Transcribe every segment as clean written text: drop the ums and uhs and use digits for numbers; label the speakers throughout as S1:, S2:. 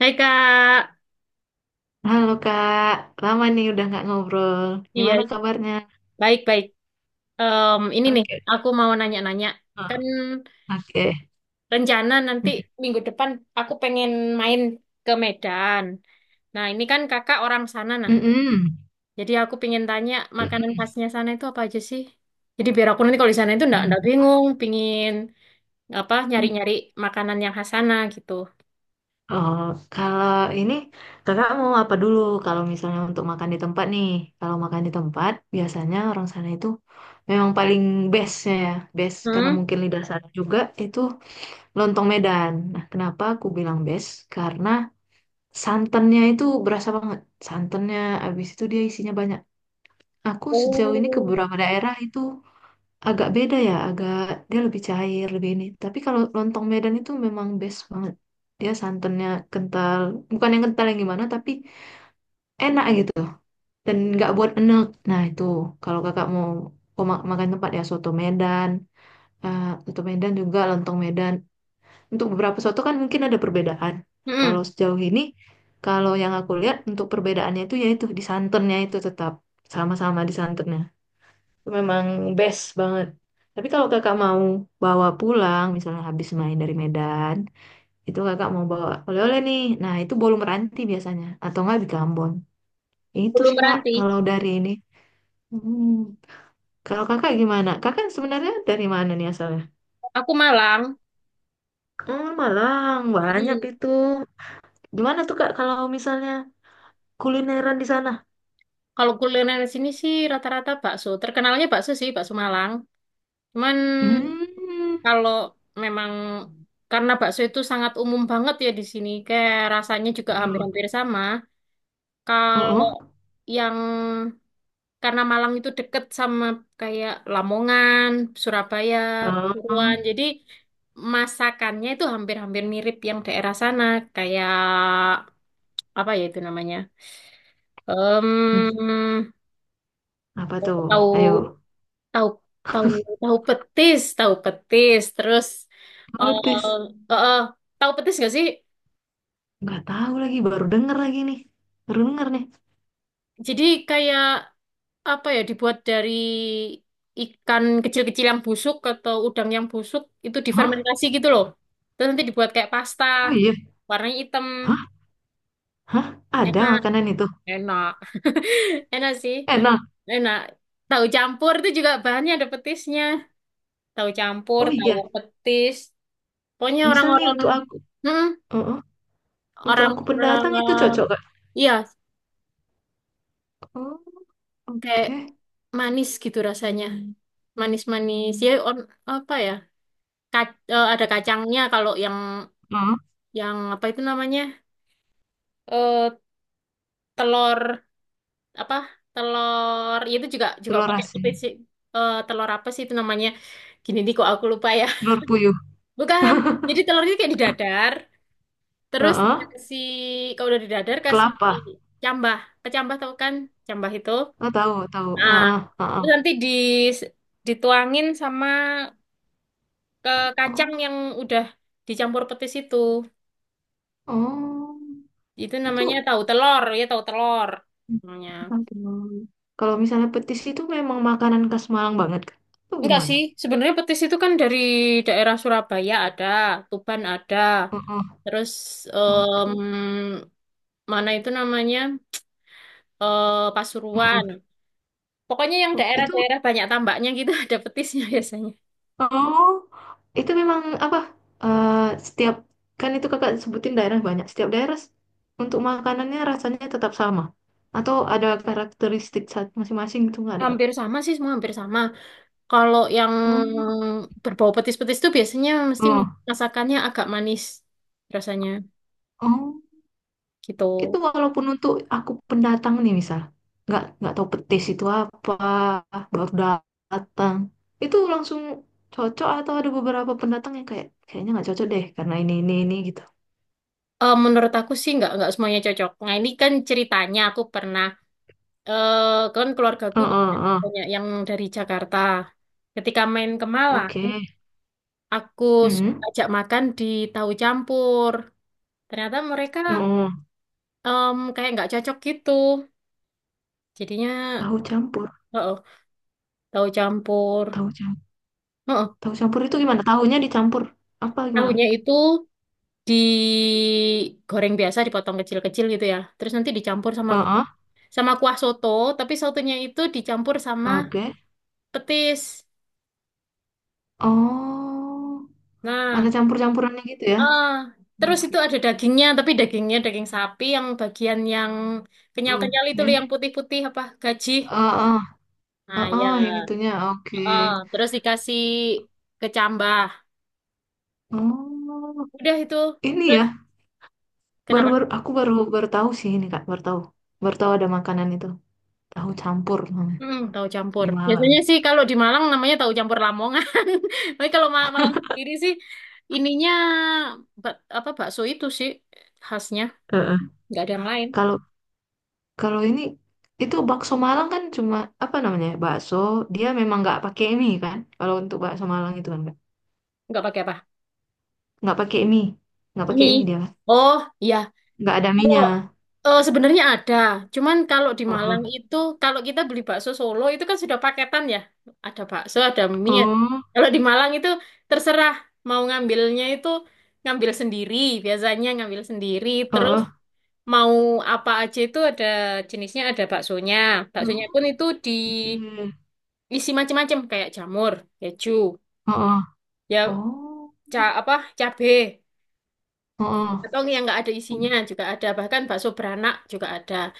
S1: Hai Kak,
S2: Halo Kak, lama nih udah nggak ngobrol.
S1: iya
S2: Gimana kabarnya?
S1: baik-baik. Ini nih,
S2: Oke.
S1: aku mau nanya-nanya.
S2: Oh,
S1: Kan
S2: oke.
S1: rencana nanti minggu depan aku pengen main ke Medan. Nah ini kan kakak orang sana nah.
S2: Mm-mm.
S1: Jadi aku pengen tanya makanan
S2: Mm-mm.
S1: khasnya sana itu apa aja sih? Jadi biar aku nanti kalau di sana itu enggak bingung, pingin apa
S2: Mm.
S1: nyari-nyari makanan yang khas sana gitu.
S2: Oh, kalau ini kakak mau apa dulu? Kalau misalnya untuk makan di tempat nih, kalau makan di tempat biasanya orang sana itu memang paling bestnya ya, best karena
S1: Hmm?
S2: mungkin lidah sana juga itu lontong Medan. Nah, kenapa aku bilang best? Karena santannya itu berasa banget. Santannya, abis itu dia isinya banyak. Aku sejauh ini ke
S1: Oh.
S2: beberapa daerah itu agak beda ya, agak dia lebih cair, lebih ini. Tapi kalau lontong Medan itu memang best banget. Dia santannya kental, bukan yang kental yang gimana, tapi enak gitu. Dan nggak buat enek. Nah itu kalau kakak mau makan tempat ya soto Medan, soto Medan juga lontong Medan. Untuk beberapa soto kan mungkin ada perbedaan. Kalau
S1: Mm-mm.
S2: sejauh ini, kalau yang aku lihat untuk perbedaannya itu yaitu di santannya itu tetap sama-sama di santannya memang best banget. Tapi kalau kakak mau bawa pulang, misalnya habis main dari Medan, itu kakak mau bawa oleh-oleh nih. Nah, itu bolu meranti biasanya, atau nggak di Ambon. Itu
S1: Belum
S2: sih kak,
S1: berhenti.
S2: kalau dari ini. Hmm. Kalau kakak gimana? Kakak sebenarnya dari mana nih asalnya?
S1: Aku Malang.
S2: Hmm, Malang, banyak
S1: Hmm.
S2: itu. Gimana tuh kak kalau misalnya kulineran di sana?
S1: Kalau kuliner di sini sih rata-rata bakso. Terkenalnya bakso sih, bakso Malang. Cuman
S2: Hmm,
S1: kalau memang karena bakso itu sangat umum banget ya di sini, kayak rasanya juga
S2: yuk.
S1: hampir-hampir sama. Kalau
S2: Oh, oh.
S1: yang karena Malang itu deket sama kayak Lamongan, Surabaya, Pasuruan,
S2: Oh,
S1: jadi masakannya itu hampir-hampir mirip yang daerah sana, kayak apa ya itu namanya?
S2: hmm,
S1: Em,
S2: apa tuh?
S1: Tahu
S2: Ayo.
S1: tahu tahu tahu petis terus eh
S2: Notice.
S1: eh, eh, tahu petis nggak sih
S2: Nggak tahu lagi, baru denger lagi nih. Baru denger nih.
S1: jadi kayak apa ya dibuat dari ikan kecil-kecil yang busuk atau udang yang busuk itu
S2: Hah?
S1: difermentasi gitu loh terus nanti dibuat kayak pasta
S2: Oh iya.
S1: warnanya hitam
S2: Hah? Hah? Ada
S1: enak
S2: makanan itu.
S1: enak enak sih
S2: Enak.
S1: enak tahu campur itu juga bahannya ada petisnya tahu campur
S2: Oh iya.
S1: tahu petis pokoknya
S2: Misal nih
S1: orang-orang
S2: untuk aku.
S1: hmm,
S2: Heeh. Untuk
S1: orang
S2: aku pendatang itu
S1: eh,
S2: cocok, Kak.
S1: Iya,
S2: Oh,
S1: kayak
S2: oke.
S1: manis gitu rasanya. Manis-manis. Ya, on, apa ya? Ada kacangnya kalau yang
S2: Heeh.
S1: yang apa itu namanya? Eh telur apa? Telur ya itu juga juga
S2: Telur
S1: pakai
S2: asin.
S1: putih sih. Eh, telur apa sih itu namanya? Gini nih kok aku lupa ya.
S2: Telur puyuh.
S1: Bukan. Jadi telurnya kayak didadar, terus
S2: Heeh.
S1: dikasih kalau udah didadar kasih
S2: Kelapa.
S1: cambah. Kecambah tau kan? Cambah itu.
S2: Oh, tahu, tahu.
S1: Nah,
S2: Heeh, heeh.
S1: terus nanti di dituangin sama ke kacang
S2: Oh,
S1: yang udah dicampur petis itu.
S2: oh.
S1: Itu
S2: Itu
S1: namanya tahu telur, ya tahu telur namanya.
S2: aduh. Kalau misalnya petis itu memang makanan khas Malang banget, Kak. Itu
S1: Enggak
S2: gimana?
S1: sih, sebenarnya petis itu kan dari daerah Surabaya ada, Tuban ada,
S2: Heeh.
S1: terus
S2: Oke.
S1: em, mana itu namanya eh,
S2: Heeh.
S1: Pasuruan. Pokoknya yang
S2: Itu
S1: daerah-daerah banyak tambaknya gitu ada petisnya biasanya.
S2: oh, itu memang apa? eh, Setiap kan itu kakak sebutin daerah banyak. Setiap daerah untuk makanannya rasanya tetap sama, atau ada karakteristik saat masing-masing gitu nggak ada?
S1: Hampir sama sih, semua hampir sama. Kalau yang
S2: Hmm.
S1: berbau petis-petis itu biasanya mesti
S2: Oh,
S1: masakannya agak manis rasanya
S2: oh,
S1: gitu.
S2: itu walaupun untuk aku pendatang nih misal, nggak tahu petis itu apa, baru datang, itu langsung cocok atau ada beberapa pendatang yang kayak kayaknya nggak cocok deh karena ini gitu.
S1: Eh, menurut aku sih nggak semuanya cocok. Nah ini kan ceritanya aku pernah eh kan keluargaku
S2: Oh, oh,
S1: banyak
S2: oh.
S1: banyak yang dari Jakarta. Ketika main ke Malang,
S2: Oke.
S1: aku
S2: Hmm.
S1: ajak makan di tahu campur. Ternyata mereka
S2: Oh.
S1: kayak nggak cocok gitu. Jadinya
S2: Tahu campur,
S1: oh, tahu campur.
S2: tahu campur.
S1: Oh
S2: Tahu campur itu gimana? Tahunya dicampur apa gimana?
S1: tahunya itu digoreng biasa, dipotong kecil-kecil gitu ya. Terus nanti dicampur
S2: Heeh,
S1: sama kuah soto, tapi sotonya itu dicampur sama
S2: oke.
S1: petis.
S2: Oh, ada
S1: Nah,
S2: campur-campurannya gitu ya.
S1: ah, terus
S2: Oke.
S1: itu ada dagingnya, tapi dagingnya daging sapi yang bagian yang kenyal-kenyal itu
S2: Oke.
S1: loh, yang putih-putih apa gaji.
S2: Heeh,
S1: Nah, ya.
S2: heeh, yang itunya oke.
S1: Oh, terus dikasih kecambah.
S2: Oh,
S1: Udah itu.
S2: ini
S1: Terus
S2: ya.
S1: kenapa?
S2: Baru-baru aku baru baru tahu sih ini Kak, baru tahu. Baru tahu ada makanan itu. Tahu campur namanya
S1: Hmm, tahu campur.
S2: di Malang.
S1: Biasanya sih kalau di Malang namanya tahu campur Lamongan. Tapi kalau Malang sendiri sih ininya bak- apa bakso itu sih khasnya,
S2: Heeh.
S1: nggak ada yang lain.
S2: Kalau kalau ini itu bakso Malang kan cuma apa namanya? Ya, bakso dia memang nggak pakai mie kan? Kalau untuk bakso Malang itu kan
S1: Nggak pakai apa?
S2: nggak pakai mie nggak pakai mie
S1: Mie.
S2: dia
S1: Oh, iya.
S2: nggak ada mie.
S1: Eh, sebenarnya ada, cuman kalau di
S2: Heeh.
S1: Malang itu, kalau kita beli bakso Solo itu kan sudah paketan ya, ada bakso, ada mie.
S2: Oh,
S1: Kalau di Malang itu terserah mau ngambilnya itu ngambil sendiri, biasanya ngambil sendiri. Terus
S2: heeh.
S1: mau apa aja itu ada jenisnya, ada baksonya. Baksonya
S2: Oh,
S1: pun itu
S2: oke.
S1: diisi
S2: Heeh.
S1: macam-macam kayak jamur, keju, ya
S2: Oh.
S1: ca apa cabe
S2: Heeh.
S1: atau yang nggak ada
S2: Oh,
S1: isinya juga ada, bahkan bakso beranak juga ada.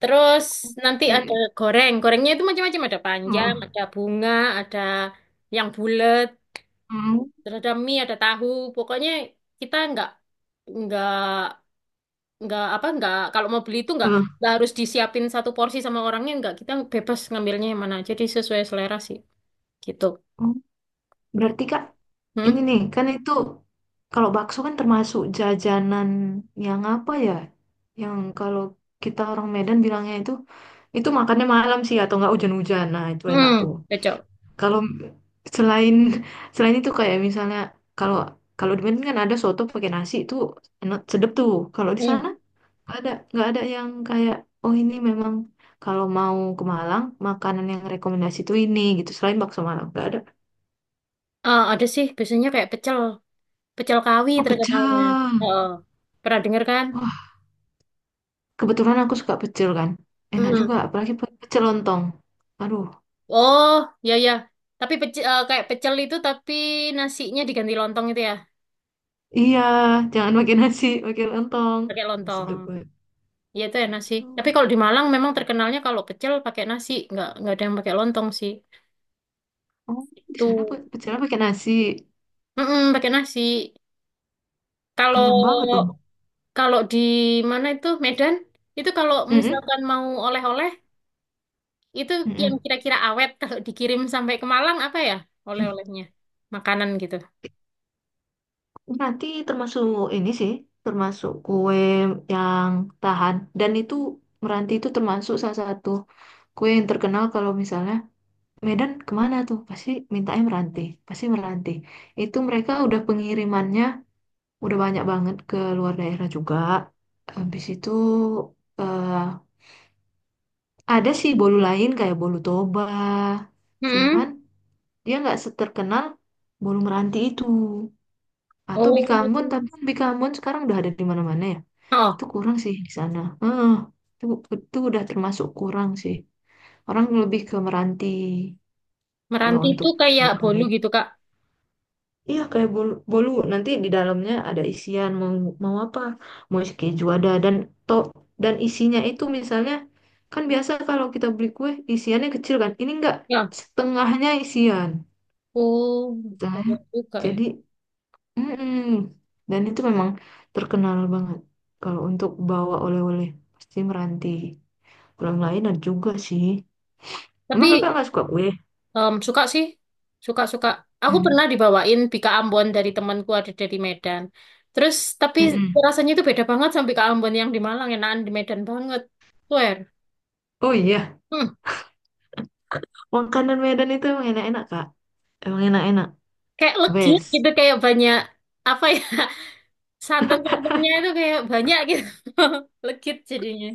S1: Terus nanti
S2: oke.
S1: ada goreng. Gorengnya itu macam-macam. Ada panjang,
S2: Heeh.
S1: ada bunga, ada yang bulat,
S2: Hmm.
S1: terus ada mie, ada tahu. Pokoknya kita nggak nggak apa nggak kalau mau beli itu
S2: Heeh.
S1: nggak harus disiapin satu porsi sama orangnya nggak kita bebas ngambilnya yang mana. Jadi sesuai selera sih gitu.
S2: Oh. Berarti kak ini
S1: Hmm,
S2: nih kan itu kalau bakso kan termasuk jajanan yang apa ya yang kalau kita orang Medan bilangnya itu makannya malam sih atau nggak hujan-hujan nah itu enak tuh.
S1: hmm, pecel.
S2: Kalau selain selain itu kayak misalnya kalau kalau di Medan kan ada soto pakai nasi itu enak sedep tuh. Kalau di
S1: Hmm.
S2: sana nggak ada yang kayak oh ini memang kalau mau ke Malang makanan yang rekomendasi tuh ini gitu. Selain bakso Malang nggak ada.
S1: Ah, ada sih biasanya kayak pecel pecel kawi
S2: Oh
S1: terkenalnya.
S2: pecel.
S1: Oh, pernah dengar kan?
S2: Wah, kebetulan aku suka pecel kan. Enak juga
S1: Hmm.
S2: apalagi pecel lontong. Aduh,
S1: Oh, ya ya. Tapi pecel, kayak pecel itu tapi nasinya diganti lontong itu ya.
S2: iya jangan pakai nasi pakai lontong.
S1: Pakai
S2: Nah,
S1: lontong.
S2: sedep banget.
S1: Iya itu enak sih.
S2: Aduh.
S1: Tapi kalau di Malang memang terkenalnya kalau pecel pakai nasi, nggak ada yang pakai lontong sih.
S2: Oh, di
S1: Itu,
S2: sana pecelnya pakai nasi
S1: pakai nasi. Kalau
S2: kenyang banget dong.
S1: kalau di mana itu Medan, itu kalau
S2: Mm-mm,
S1: misalkan mau oleh-oleh, itu yang
S2: mm-mm.
S1: kira-kira awet kalau dikirim sampai ke Malang apa ya oleh-olehnya? Makanan gitu.
S2: Hmm. Nanti termasuk ini sih, termasuk kue yang tahan. Dan itu meranti itu termasuk salah satu kue yang terkenal kalau misalnya Medan kemana tuh? Pasti mintanya meranti, pasti meranti. Itu mereka udah pengirimannya udah banyak banget ke luar daerah juga. Habis itu eh, ada sih bolu lain kayak bolu Toba.
S1: Mm-mm.
S2: Cuman dia nggak seterkenal bolu meranti itu. Atau Bikambon, tapi
S1: Oh.
S2: kan Bikambon sekarang udah ada di mana-mana ya.
S1: Oh,
S2: Itu kurang sih di sana. Heeh, itu, itu udah termasuk kurang sih. Orang lebih ke Meranti kalau
S1: meranti itu
S2: untuk
S1: kayak bolu
S2: oleh-oleh.
S1: gitu, Kak.
S2: Iya kayak bolu, bolu. Nanti di dalamnya ada isian mau mau apa? Mau isi keju ada dan to dan isinya itu misalnya kan biasa kalau kita beli kue isiannya kecil kan. Ini enggak
S1: Ya.
S2: setengahnya isian.
S1: Oh,
S2: Setengahnya.
S1: banyak juga ya.
S2: Jadi mm-mm. Dan itu memang terkenal banget. Kalau untuk bawa oleh-oleh, pasti Meranti. Kurang lain ada juga sih.
S1: Tapi
S2: Emang kakak nggak suka kue?
S1: suka sih, suka-suka. Aku
S2: Mm.
S1: pernah dibawain bika Ambon dari temanku ada dari Medan. Terus tapi
S2: Mm-mm.
S1: rasanya itu beda banget sama bika Ambon yang di Malang, enakan di Medan banget. Swear.
S2: Oh iya,
S1: Hmm,
S2: makanan Medan itu emang enak-enak, Kak. Emang enak-enak.
S1: kayak legi
S2: Best.
S1: gitu, kayak banyak apa ya santan-santannya itu kayak banyak gitu. Legit jadinya.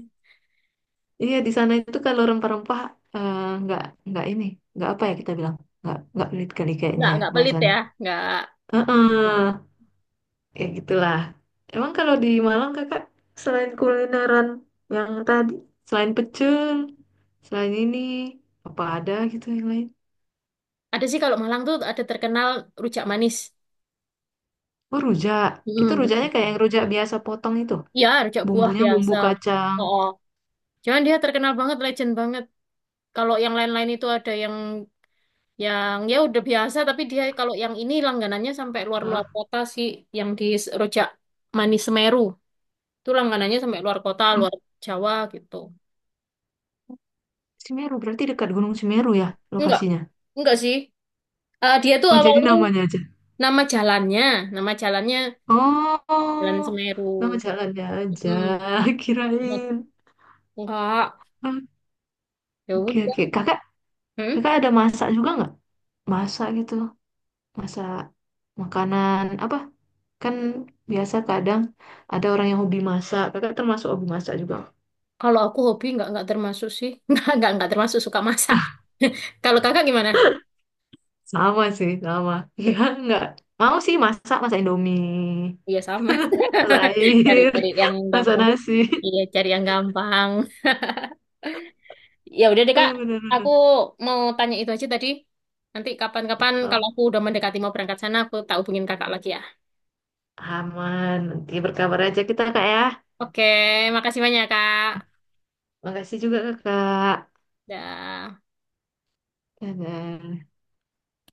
S2: Iya, di sana itu kalau rempah-rempah eh, nggak nggak ini, nggak apa ya kita bilang, nggak pelit kali kayaknya ya
S1: Nggak pelit
S2: bahasanya.
S1: ya, nggak.
S2: Heeh. Ya gitulah. Emang kalau di Malang kakak selain kulineran yang tadi, selain pecel, selain ini apa ada gitu yang lain?
S1: Ada sih kalau Malang tuh ada terkenal rujak manis.
S2: Oh rujak. Itu
S1: Hmm.
S2: rujaknya kayak yang rujak biasa potong itu.
S1: Ya, rujak buah
S2: Bumbunya bumbu
S1: biasa.
S2: kacang.
S1: Oh, cuman dia terkenal banget, legend banget. Kalau yang lain-lain itu ada yang ya udah biasa, tapi dia kalau yang ini langganannya sampai luar-luar
S2: Hah?
S1: kota sih, yang di Rojak Manis Semeru. Itu langganannya sampai luar kota,
S2: Hmm,
S1: luar Jawa gitu.
S2: Semeru berarti dekat Gunung Semeru ya
S1: Enggak,
S2: lokasinya.
S1: enggak sih. Eh, dia tuh
S2: Oh jadi
S1: awalnya
S2: namanya aja.
S1: nama jalannya, nama jalannya Jalan
S2: Oh,
S1: Semeru.
S2: nama jalannya aja.
S1: Hmm.
S2: Kirain.
S1: Enggak,
S2: Ah,
S1: ya
S2: oke oke.
S1: udah.
S2: Kakak,
S1: Hmm?
S2: kakak ada masak juga nggak? Masak gitu. Masak makanan apa? Kan biasa kadang ada orang yang hobi masak. Kakak termasuk hobi masak juga.
S1: Kalau aku hobi enggak termasuk sih. Enggak termasuk suka masak. Kalau kakak gimana?
S2: Sama sih, sama. Ya nggak. Mau sih masak, masak Indomie,
S1: Iya sama.
S2: masak
S1: Cari
S2: air,
S1: cari yang
S2: masak
S1: gampang.
S2: nasi.
S1: Iya, cari yang gampang. Ya udah deh
S2: Eh,
S1: Kak, aku
S2: bener-bener.
S1: mau tanya itu aja tadi. Nanti kapan-kapan kalau
S2: Oh,
S1: aku udah mendekati mau berangkat sana, aku tak hubungin Kakak lagi ya.
S2: aman. Nanti berkabar aja kita, Kak, ya.
S1: Oke, makasih banyak Kak.
S2: Makasih juga, Kakak.
S1: Dah.
S2: Dadah.